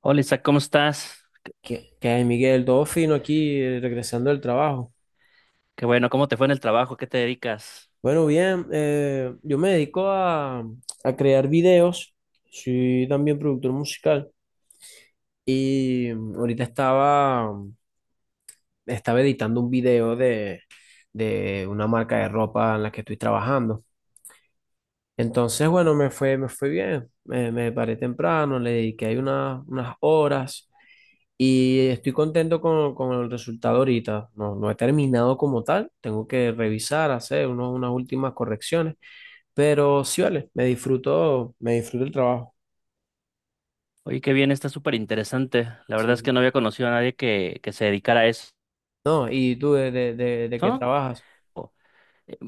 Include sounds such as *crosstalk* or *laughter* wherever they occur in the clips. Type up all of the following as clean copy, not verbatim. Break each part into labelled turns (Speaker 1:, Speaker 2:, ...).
Speaker 1: Hola Isaac, ¿cómo estás? Qué,
Speaker 2: ¿Qué, qué hay, Miguel? Todo fino aquí, regresando del trabajo.
Speaker 1: qué bueno, ¿cómo te fue en el trabajo? ¿Qué te dedicas?
Speaker 2: Bueno, bien, yo me dedico a crear videos, soy también productor musical y ahorita estaba editando un video de una marca de ropa en la que estoy trabajando. Entonces, bueno, me fue bien. Me paré temprano, le dediqué ahí unas horas y estoy contento con el resultado ahorita. No, no he terminado como tal, tengo que revisar, hacer unas últimas correcciones, pero sí vale, me disfruto el trabajo.
Speaker 1: Oye, qué bien, está súper interesante. La verdad es que no
Speaker 2: Sí.
Speaker 1: había conocido a nadie que se dedicara a eso.
Speaker 2: No, ¿y tú de qué
Speaker 1: ¿No?
Speaker 2: trabajas?
Speaker 1: O- eh,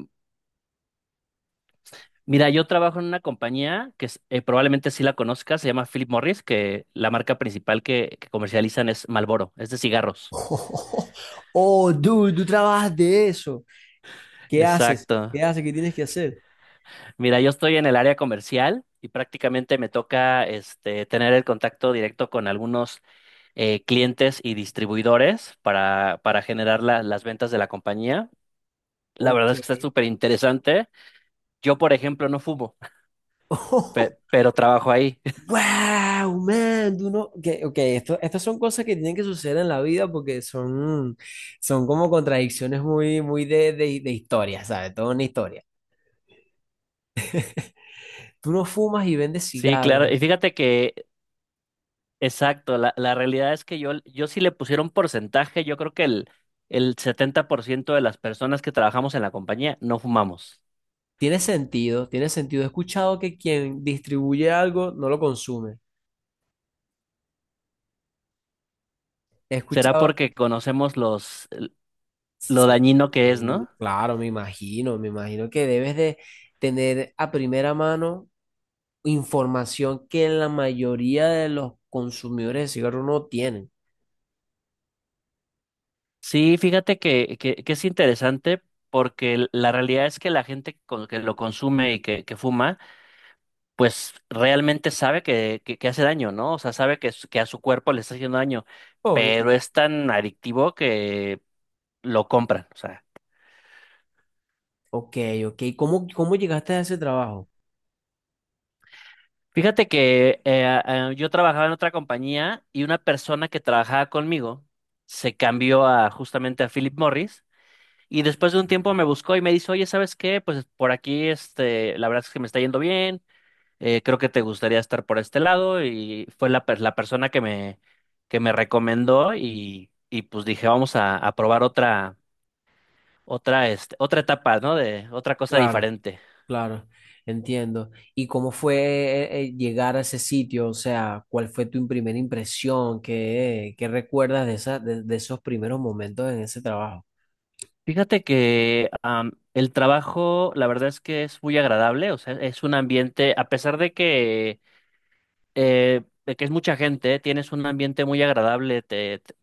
Speaker 1: Mira, yo trabajo en una compañía que probablemente sí la conozcas, se llama Philip Morris, que la marca principal que comercializan es Marlboro, es de cigarros.
Speaker 2: Oh, *laughs* oh, dude, tú trabajas de eso. ¿Qué haces?
Speaker 1: Exacto.
Speaker 2: ¿Qué haces? ¿Qué tienes que hacer?
Speaker 1: Mira, yo estoy en el área comercial y prácticamente me toca este, tener el contacto directo con algunos clientes y distribuidores para generar las ventas de la compañía. La
Speaker 2: Ok.
Speaker 1: verdad es que está súper interesante. Yo, por ejemplo, no fumo. *laughs* pe-
Speaker 2: *laughs*
Speaker 1: pero trabajo ahí. *laughs*
Speaker 2: Wow, man, tú no. Ok, esto, estas son cosas que tienen que suceder en la vida porque son, son como contradicciones muy, muy de historia, ¿sabes? Toda una historia. Tú no fumas y vendes
Speaker 1: Sí, claro. Y
Speaker 2: cigarros.
Speaker 1: fíjate que, exacto, la realidad es que yo sí le pusiera un porcentaje, yo creo que el 70% de las personas que trabajamos en la compañía no fumamos.
Speaker 2: Tiene sentido, tiene sentido. He escuchado que quien distribuye algo no lo consume. He
Speaker 1: Será
Speaker 2: escuchado.
Speaker 1: porque conocemos lo
Speaker 2: Sí,
Speaker 1: dañino que es, ¿no?
Speaker 2: claro, me imagino que debes de tener a primera mano información que la mayoría de los consumidores de cigarros no tienen.
Speaker 1: Sí, fíjate que es interesante porque la realidad es que la gente que lo consume y que fuma, pues realmente sabe que hace daño, ¿no? O sea, sabe que, que a su cuerpo le está haciendo daño,
Speaker 2: Obvio,
Speaker 1: pero
Speaker 2: claro.
Speaker 1: es tan adictivo que lo compran. O sea,
Speaker 2: Ok, ok. ¿Cómo, cómo llegaste a ese trabajo?
Speaker 1: fíjate que yo trabajaba en otra compañía y una persona que trabajaba conmigo se cambió a justamente a Philip Morris. Y después de un tiempo me buscó y me dice, oye, ¿sabes qué? Pues por aquí, este, la verdad es que me está yendo bien. Creo que te gustaría estar por este lado y fue la persona que me recomendó, y pues dije, vamos a probar otra etapa, ¿no? De otra cosa
Speaker 2: Claro,
Speaker 1: diferente.
Speaker 2: claro, entiendo. ¿Y cómo fue llegar a ese sitio? O sea, ¿cuál fue tu primera impresión? ¿Qué, qué recuerdas de esa, de esos primeros momentos en ese trabajo?
Speaker 1: Fíjate que el trabajo, la verdad es que es muy agradable, o sea, es un ambiente, a pesar de que es mucha gente, tienes un ambiente muy agradable,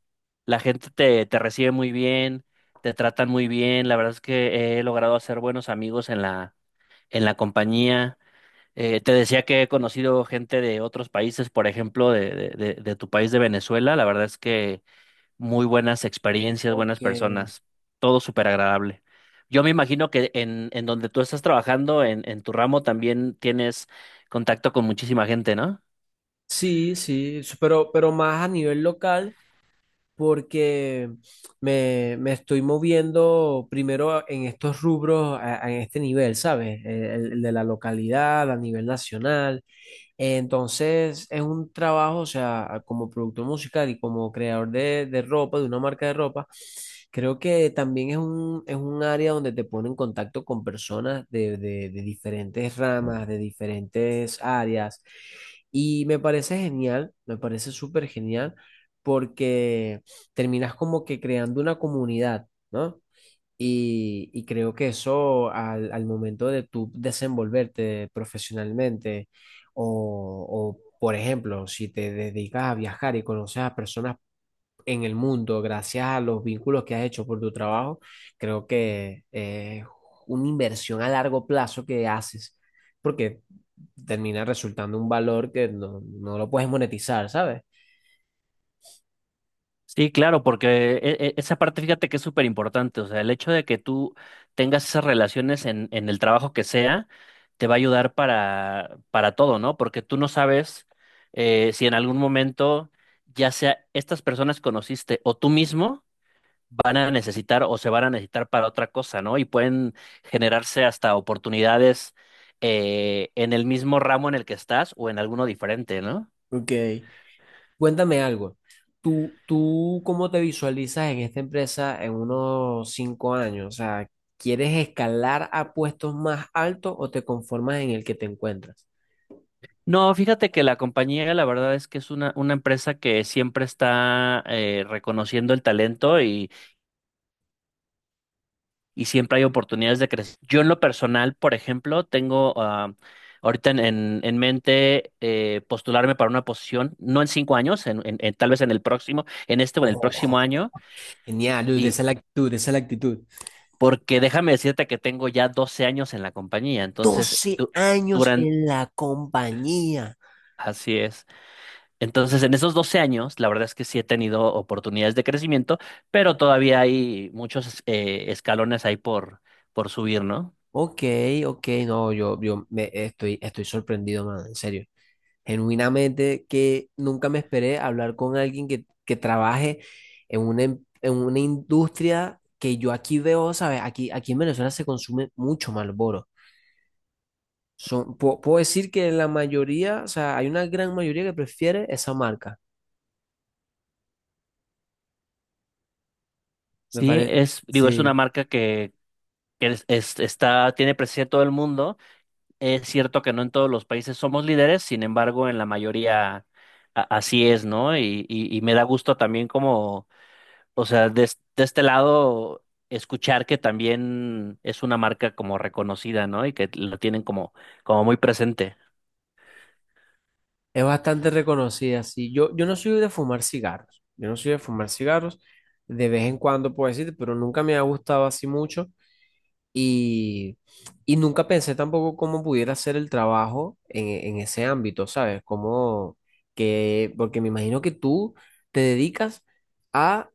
Speaker 1: la gente te recibe muy bien, te tratan muy bien, la verdad es que he logrado hacer buenos amigos en la compañía. Te decía que he conocido gente de otros países, por ejemplo, de tu país de Venezuela. La verdad es que muy buenas experiencias, buenas
Speaker 2: Ok.
Speaker 1: personas, todo súper agradable. Yo me imagino que en donde tú estás trabajando, en tu ramo, también tienes contacto con muchísima gente, ¿no?
Speaker 2: Sí, sí, pero más a nivel local, porque me estoy moviendo primero en estos rubros, a este nivel, ¿sabes? El de la localidad, a nivel nacional. Entonces, es un trabajo, o sea, como productor musical y como creador de ropa, de una marca de ropa, creo que también es un área donde te pone en contacto con personas de diferentes ramas, de diferentes áreas. Y me parece genial, me parece súper genial, porque terminas como que creando una comunidad, ¿no? Y creo que eso al momento de tú desenvolverte profesionalmente o, por ejemplo, si te dedicas a viajar y conoces a personas en el mundo gracias a los vínculos que has hecho por tu trabajo, creo que es una inversión a largo plazo que haces porque termina resultando un valor que no, no lo puedes monetizar, ¿sabes?
Speaker 1: Sí, claro, porque esa parte fíjate que es súper importante, o sea, el hecho de que tú tengas esas relaciones en el trabajo que sea, te va a ayudar para todo, ¿no? Porque tú no sabes si en algún momento, ya sea estas personas que conociste o tú mismo, van a necesitar o se van a necesitar para otra cosa, ¿no? Y pueden generarse hasta oportunidades en el mismo ramo en el que estás o en alguno diferente, ¿no?
Speaker 2: Ok. Cuéntame algo. ¿Tú, tú cómo te visualizas en esta empresa en unos 5 años? O sea, ¿quieres escalar a puestos más altos o te conformas en el que te encuentras?
Speaker 1: No, fíjate que la compañía, la verdad es que es una empresa que siempre está reconociendo el talento, y siempre hay oportunidades de crecer. Yo en lo personal, por ejemplo, tengo ahorita en mente postularme para una posición, no en 5 años, tal vez en el próximo, en este o en el
Speaker 2: Oh,
Speaker 1: próximo año,
Speaker 2: genial, Luis,
Speaker 1: y
Speaker 2: esa es la actitud, esa es la actitud.
Speaker 1: porque déjame decirte que tengo ya 12 años en la compañía, entonces
Speaker 2: 12 años
Speaker 1: durante,
Speaker 2: en la compañía.
Speaker 1: así es. Entonces, en esos 12 años, la verdad es que sí he tenido oportunidades de crecimiento, pero todavía hay muchos escalones ahí por subir, ¿no?
Speaker 2: Ok, ok, no, yo, estoy, estoy sorprendido, man, en serio. Genuinamente que nunca me esperé hablar con alguien que trabaje en una, en una industria que yo aquí veo, ¿sabes? Aquí, aquí en Venezuela se consume mucho Marlboro. Son, puedo decir que la mayoría, o sea, hay una gran mayoría que prefiere esa marca. Me
Speaker 1: Sí,
Speaker 2: parece,
Speaker 1: es, digo, es
Speaker 2: sí,
Speaker 1: una marca que, que está, tiene presencia en todo el mundo. Es cierto que no en todos los países somos líderes, sin embargo, en la mayoría así es, ¿no? Y me da gusto también como, o sea, de este lado, escuchar que también es una marca como reconocida, ¿no? Y que lo tienen como, como muy presente.
Speaker 2: es bastante reconocida, sí. Yo no soy de fumar cigarros, yo no soy de fumar cigarros, de vez en cuando puedo decir, pero nunca me ha gustado así mucho. Y, y nunca pensé tampoco cómo pudiera ser el trabajo en, en ese ámbito, ¿sabes? Como que, porque me imagino que tú te dedicas a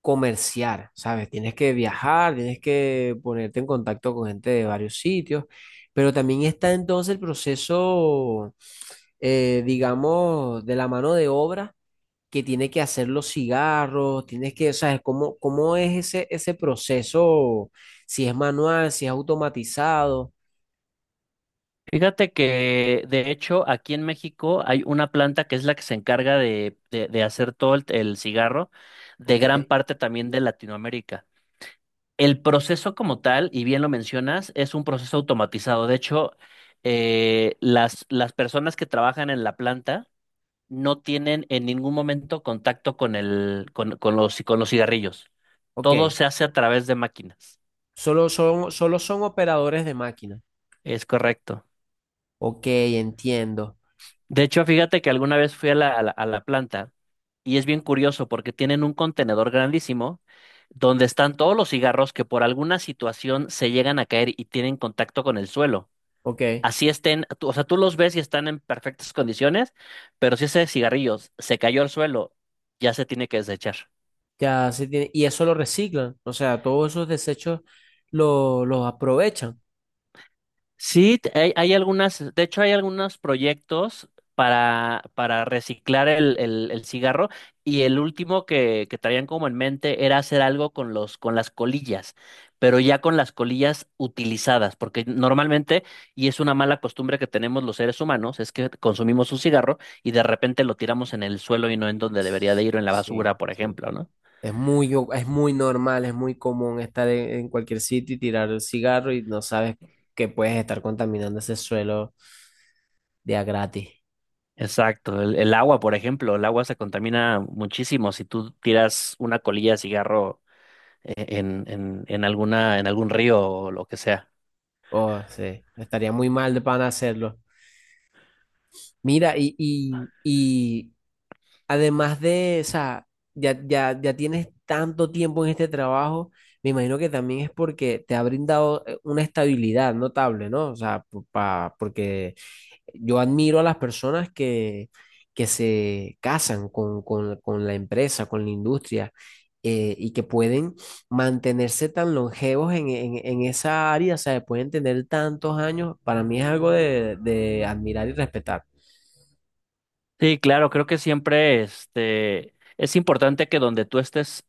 Speaker 2: comerciar, ¿sabes? Tienes que viajar, tienes que ponerte en contacto con gente de varios sitios, pero también está entonces el proceso, digamos, de la mano de obra que tiene que hacer los cigarros, tienes que, o sea, ¿cómo, cómo es ese, ese proceso? Si es manual, si es automatizado.
Speaker 1: Fíjate que de hecho aquí en México hay una planta que es la que se encarga de, de hacer todo el cigarro de
Speaker 2: Ok,
Speaker 1: gran parte también de Latinoamérica. El proceso como tal, y bien lo mencionas, es un proceso automatizado. De hecho, las personas que trabajan en la planta no tienen en ningún momento contacto con el, con, con los cigarrillos. Todo
Speaker 2: ok.
Speaker 1: se hace a través de máquinas.
Speaker 2: Solo son operadores de máquina.
Speaker 1: Es correcto.
Speaker 2: Ok, entiendo.
Speaker 1: De hecho, fíjate que alguna vez fui a la, a la, a la planta y es bien curioso porque tienen un contenedor grandísimo donde están todos los cigarros que por alguna situación se llegan a caer y tienen contacto con el suelo.
Speaker 2: Ok,
Speaker 1: Así estén, o sea, tú los ves y están en perfectas condiciones, pero si ese cigarrillo se cayó al suelo, ya se tiene que desechar.
Speaker 2: ya se tiene. Y eso lo reciclan. O sea, todos esos desechos los aprovechan.
Speaker 1: Sí, hay algunas, de hecho hay algunos proyectos para reciclar el cigarro y el último que traían como en mente era hacer algo con los, con las colillas, pero ya con las colillas utilizadas, porque normalmente, y es una mala costumbre que tenemos los seres humanos, es que consumimos un cigarro y de repente lo tiramos en el suelo y no en donde debería de ir, o en la
Speaker 2: Sí,
Speaker 1: basura, por
Speaker 2: sí.
Speaker 1: ejemplo, ¿no?
Speaker 2: Es muy, es muy normal, es muy común estar en cualquier sitio y tirar el cigarro y no sabes que puedes estar contaminando ese suelo de a gratis.
Speaker 1: Exacto, el agua, por ejemplo, el agua se contamina muchísimo si tú tiras una colilla de cigarro en alguna, en algún río o lo que sea.
Speaker 2: Oh, sí, estaría muy mal de pan hacerlo. Mira, y además o sea, ya tienes tanto tiempo en este trabajo, me imagino que también es porque te ha brindado una estabilidad notable, ¿no? O sea, pa, porque yo admiro a las personas que se casan con, con la empresa, con la industria, y que pueden mantenerse tan longevos en, en esa área, o sea, pueden tener tantos años. Para mí es algo de admirar y respetar.
Speaker 1: Sí, claro, creo que siempre este, es importante que donde tú estés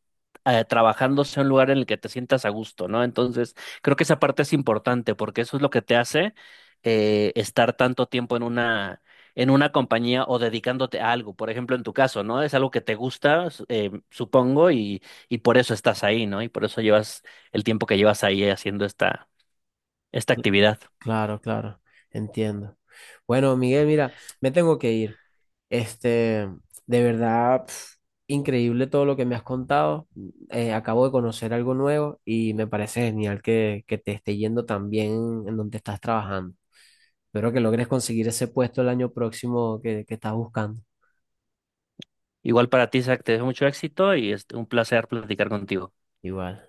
Speaker 1: trabajando sea un lugar en el que te sientas a gusto, ¿no? Entonces, creo que esa parte es importante porque eso es lo que te hace estar tanto tiempo en una compañía o dedicándote a algo. Por ejemplo, en tu caso, ¿no? Es algo que te gusta, supongo, y por eso estás ahí, ¿no? Y por eso llevas el tiempo que llevas ahí haciendo esta actividad.
Speaker 2: Claro, claro, entiendo. Bueno, Miguel, mira, me tengo que ir. Este, de verdad, pf, increíble todo lo que me has contado. Acabo de conocer algo nuevo y me parece genial que te esté yendo tan bien en donde estás trabajando. Espero que logres conseguir ese puesto el año próximo que estás buscando.
Speaker 1: Igual para ti, Zach, te deseo mucho éxito y es un placer platicar contigo.
Speaker 2: Igual.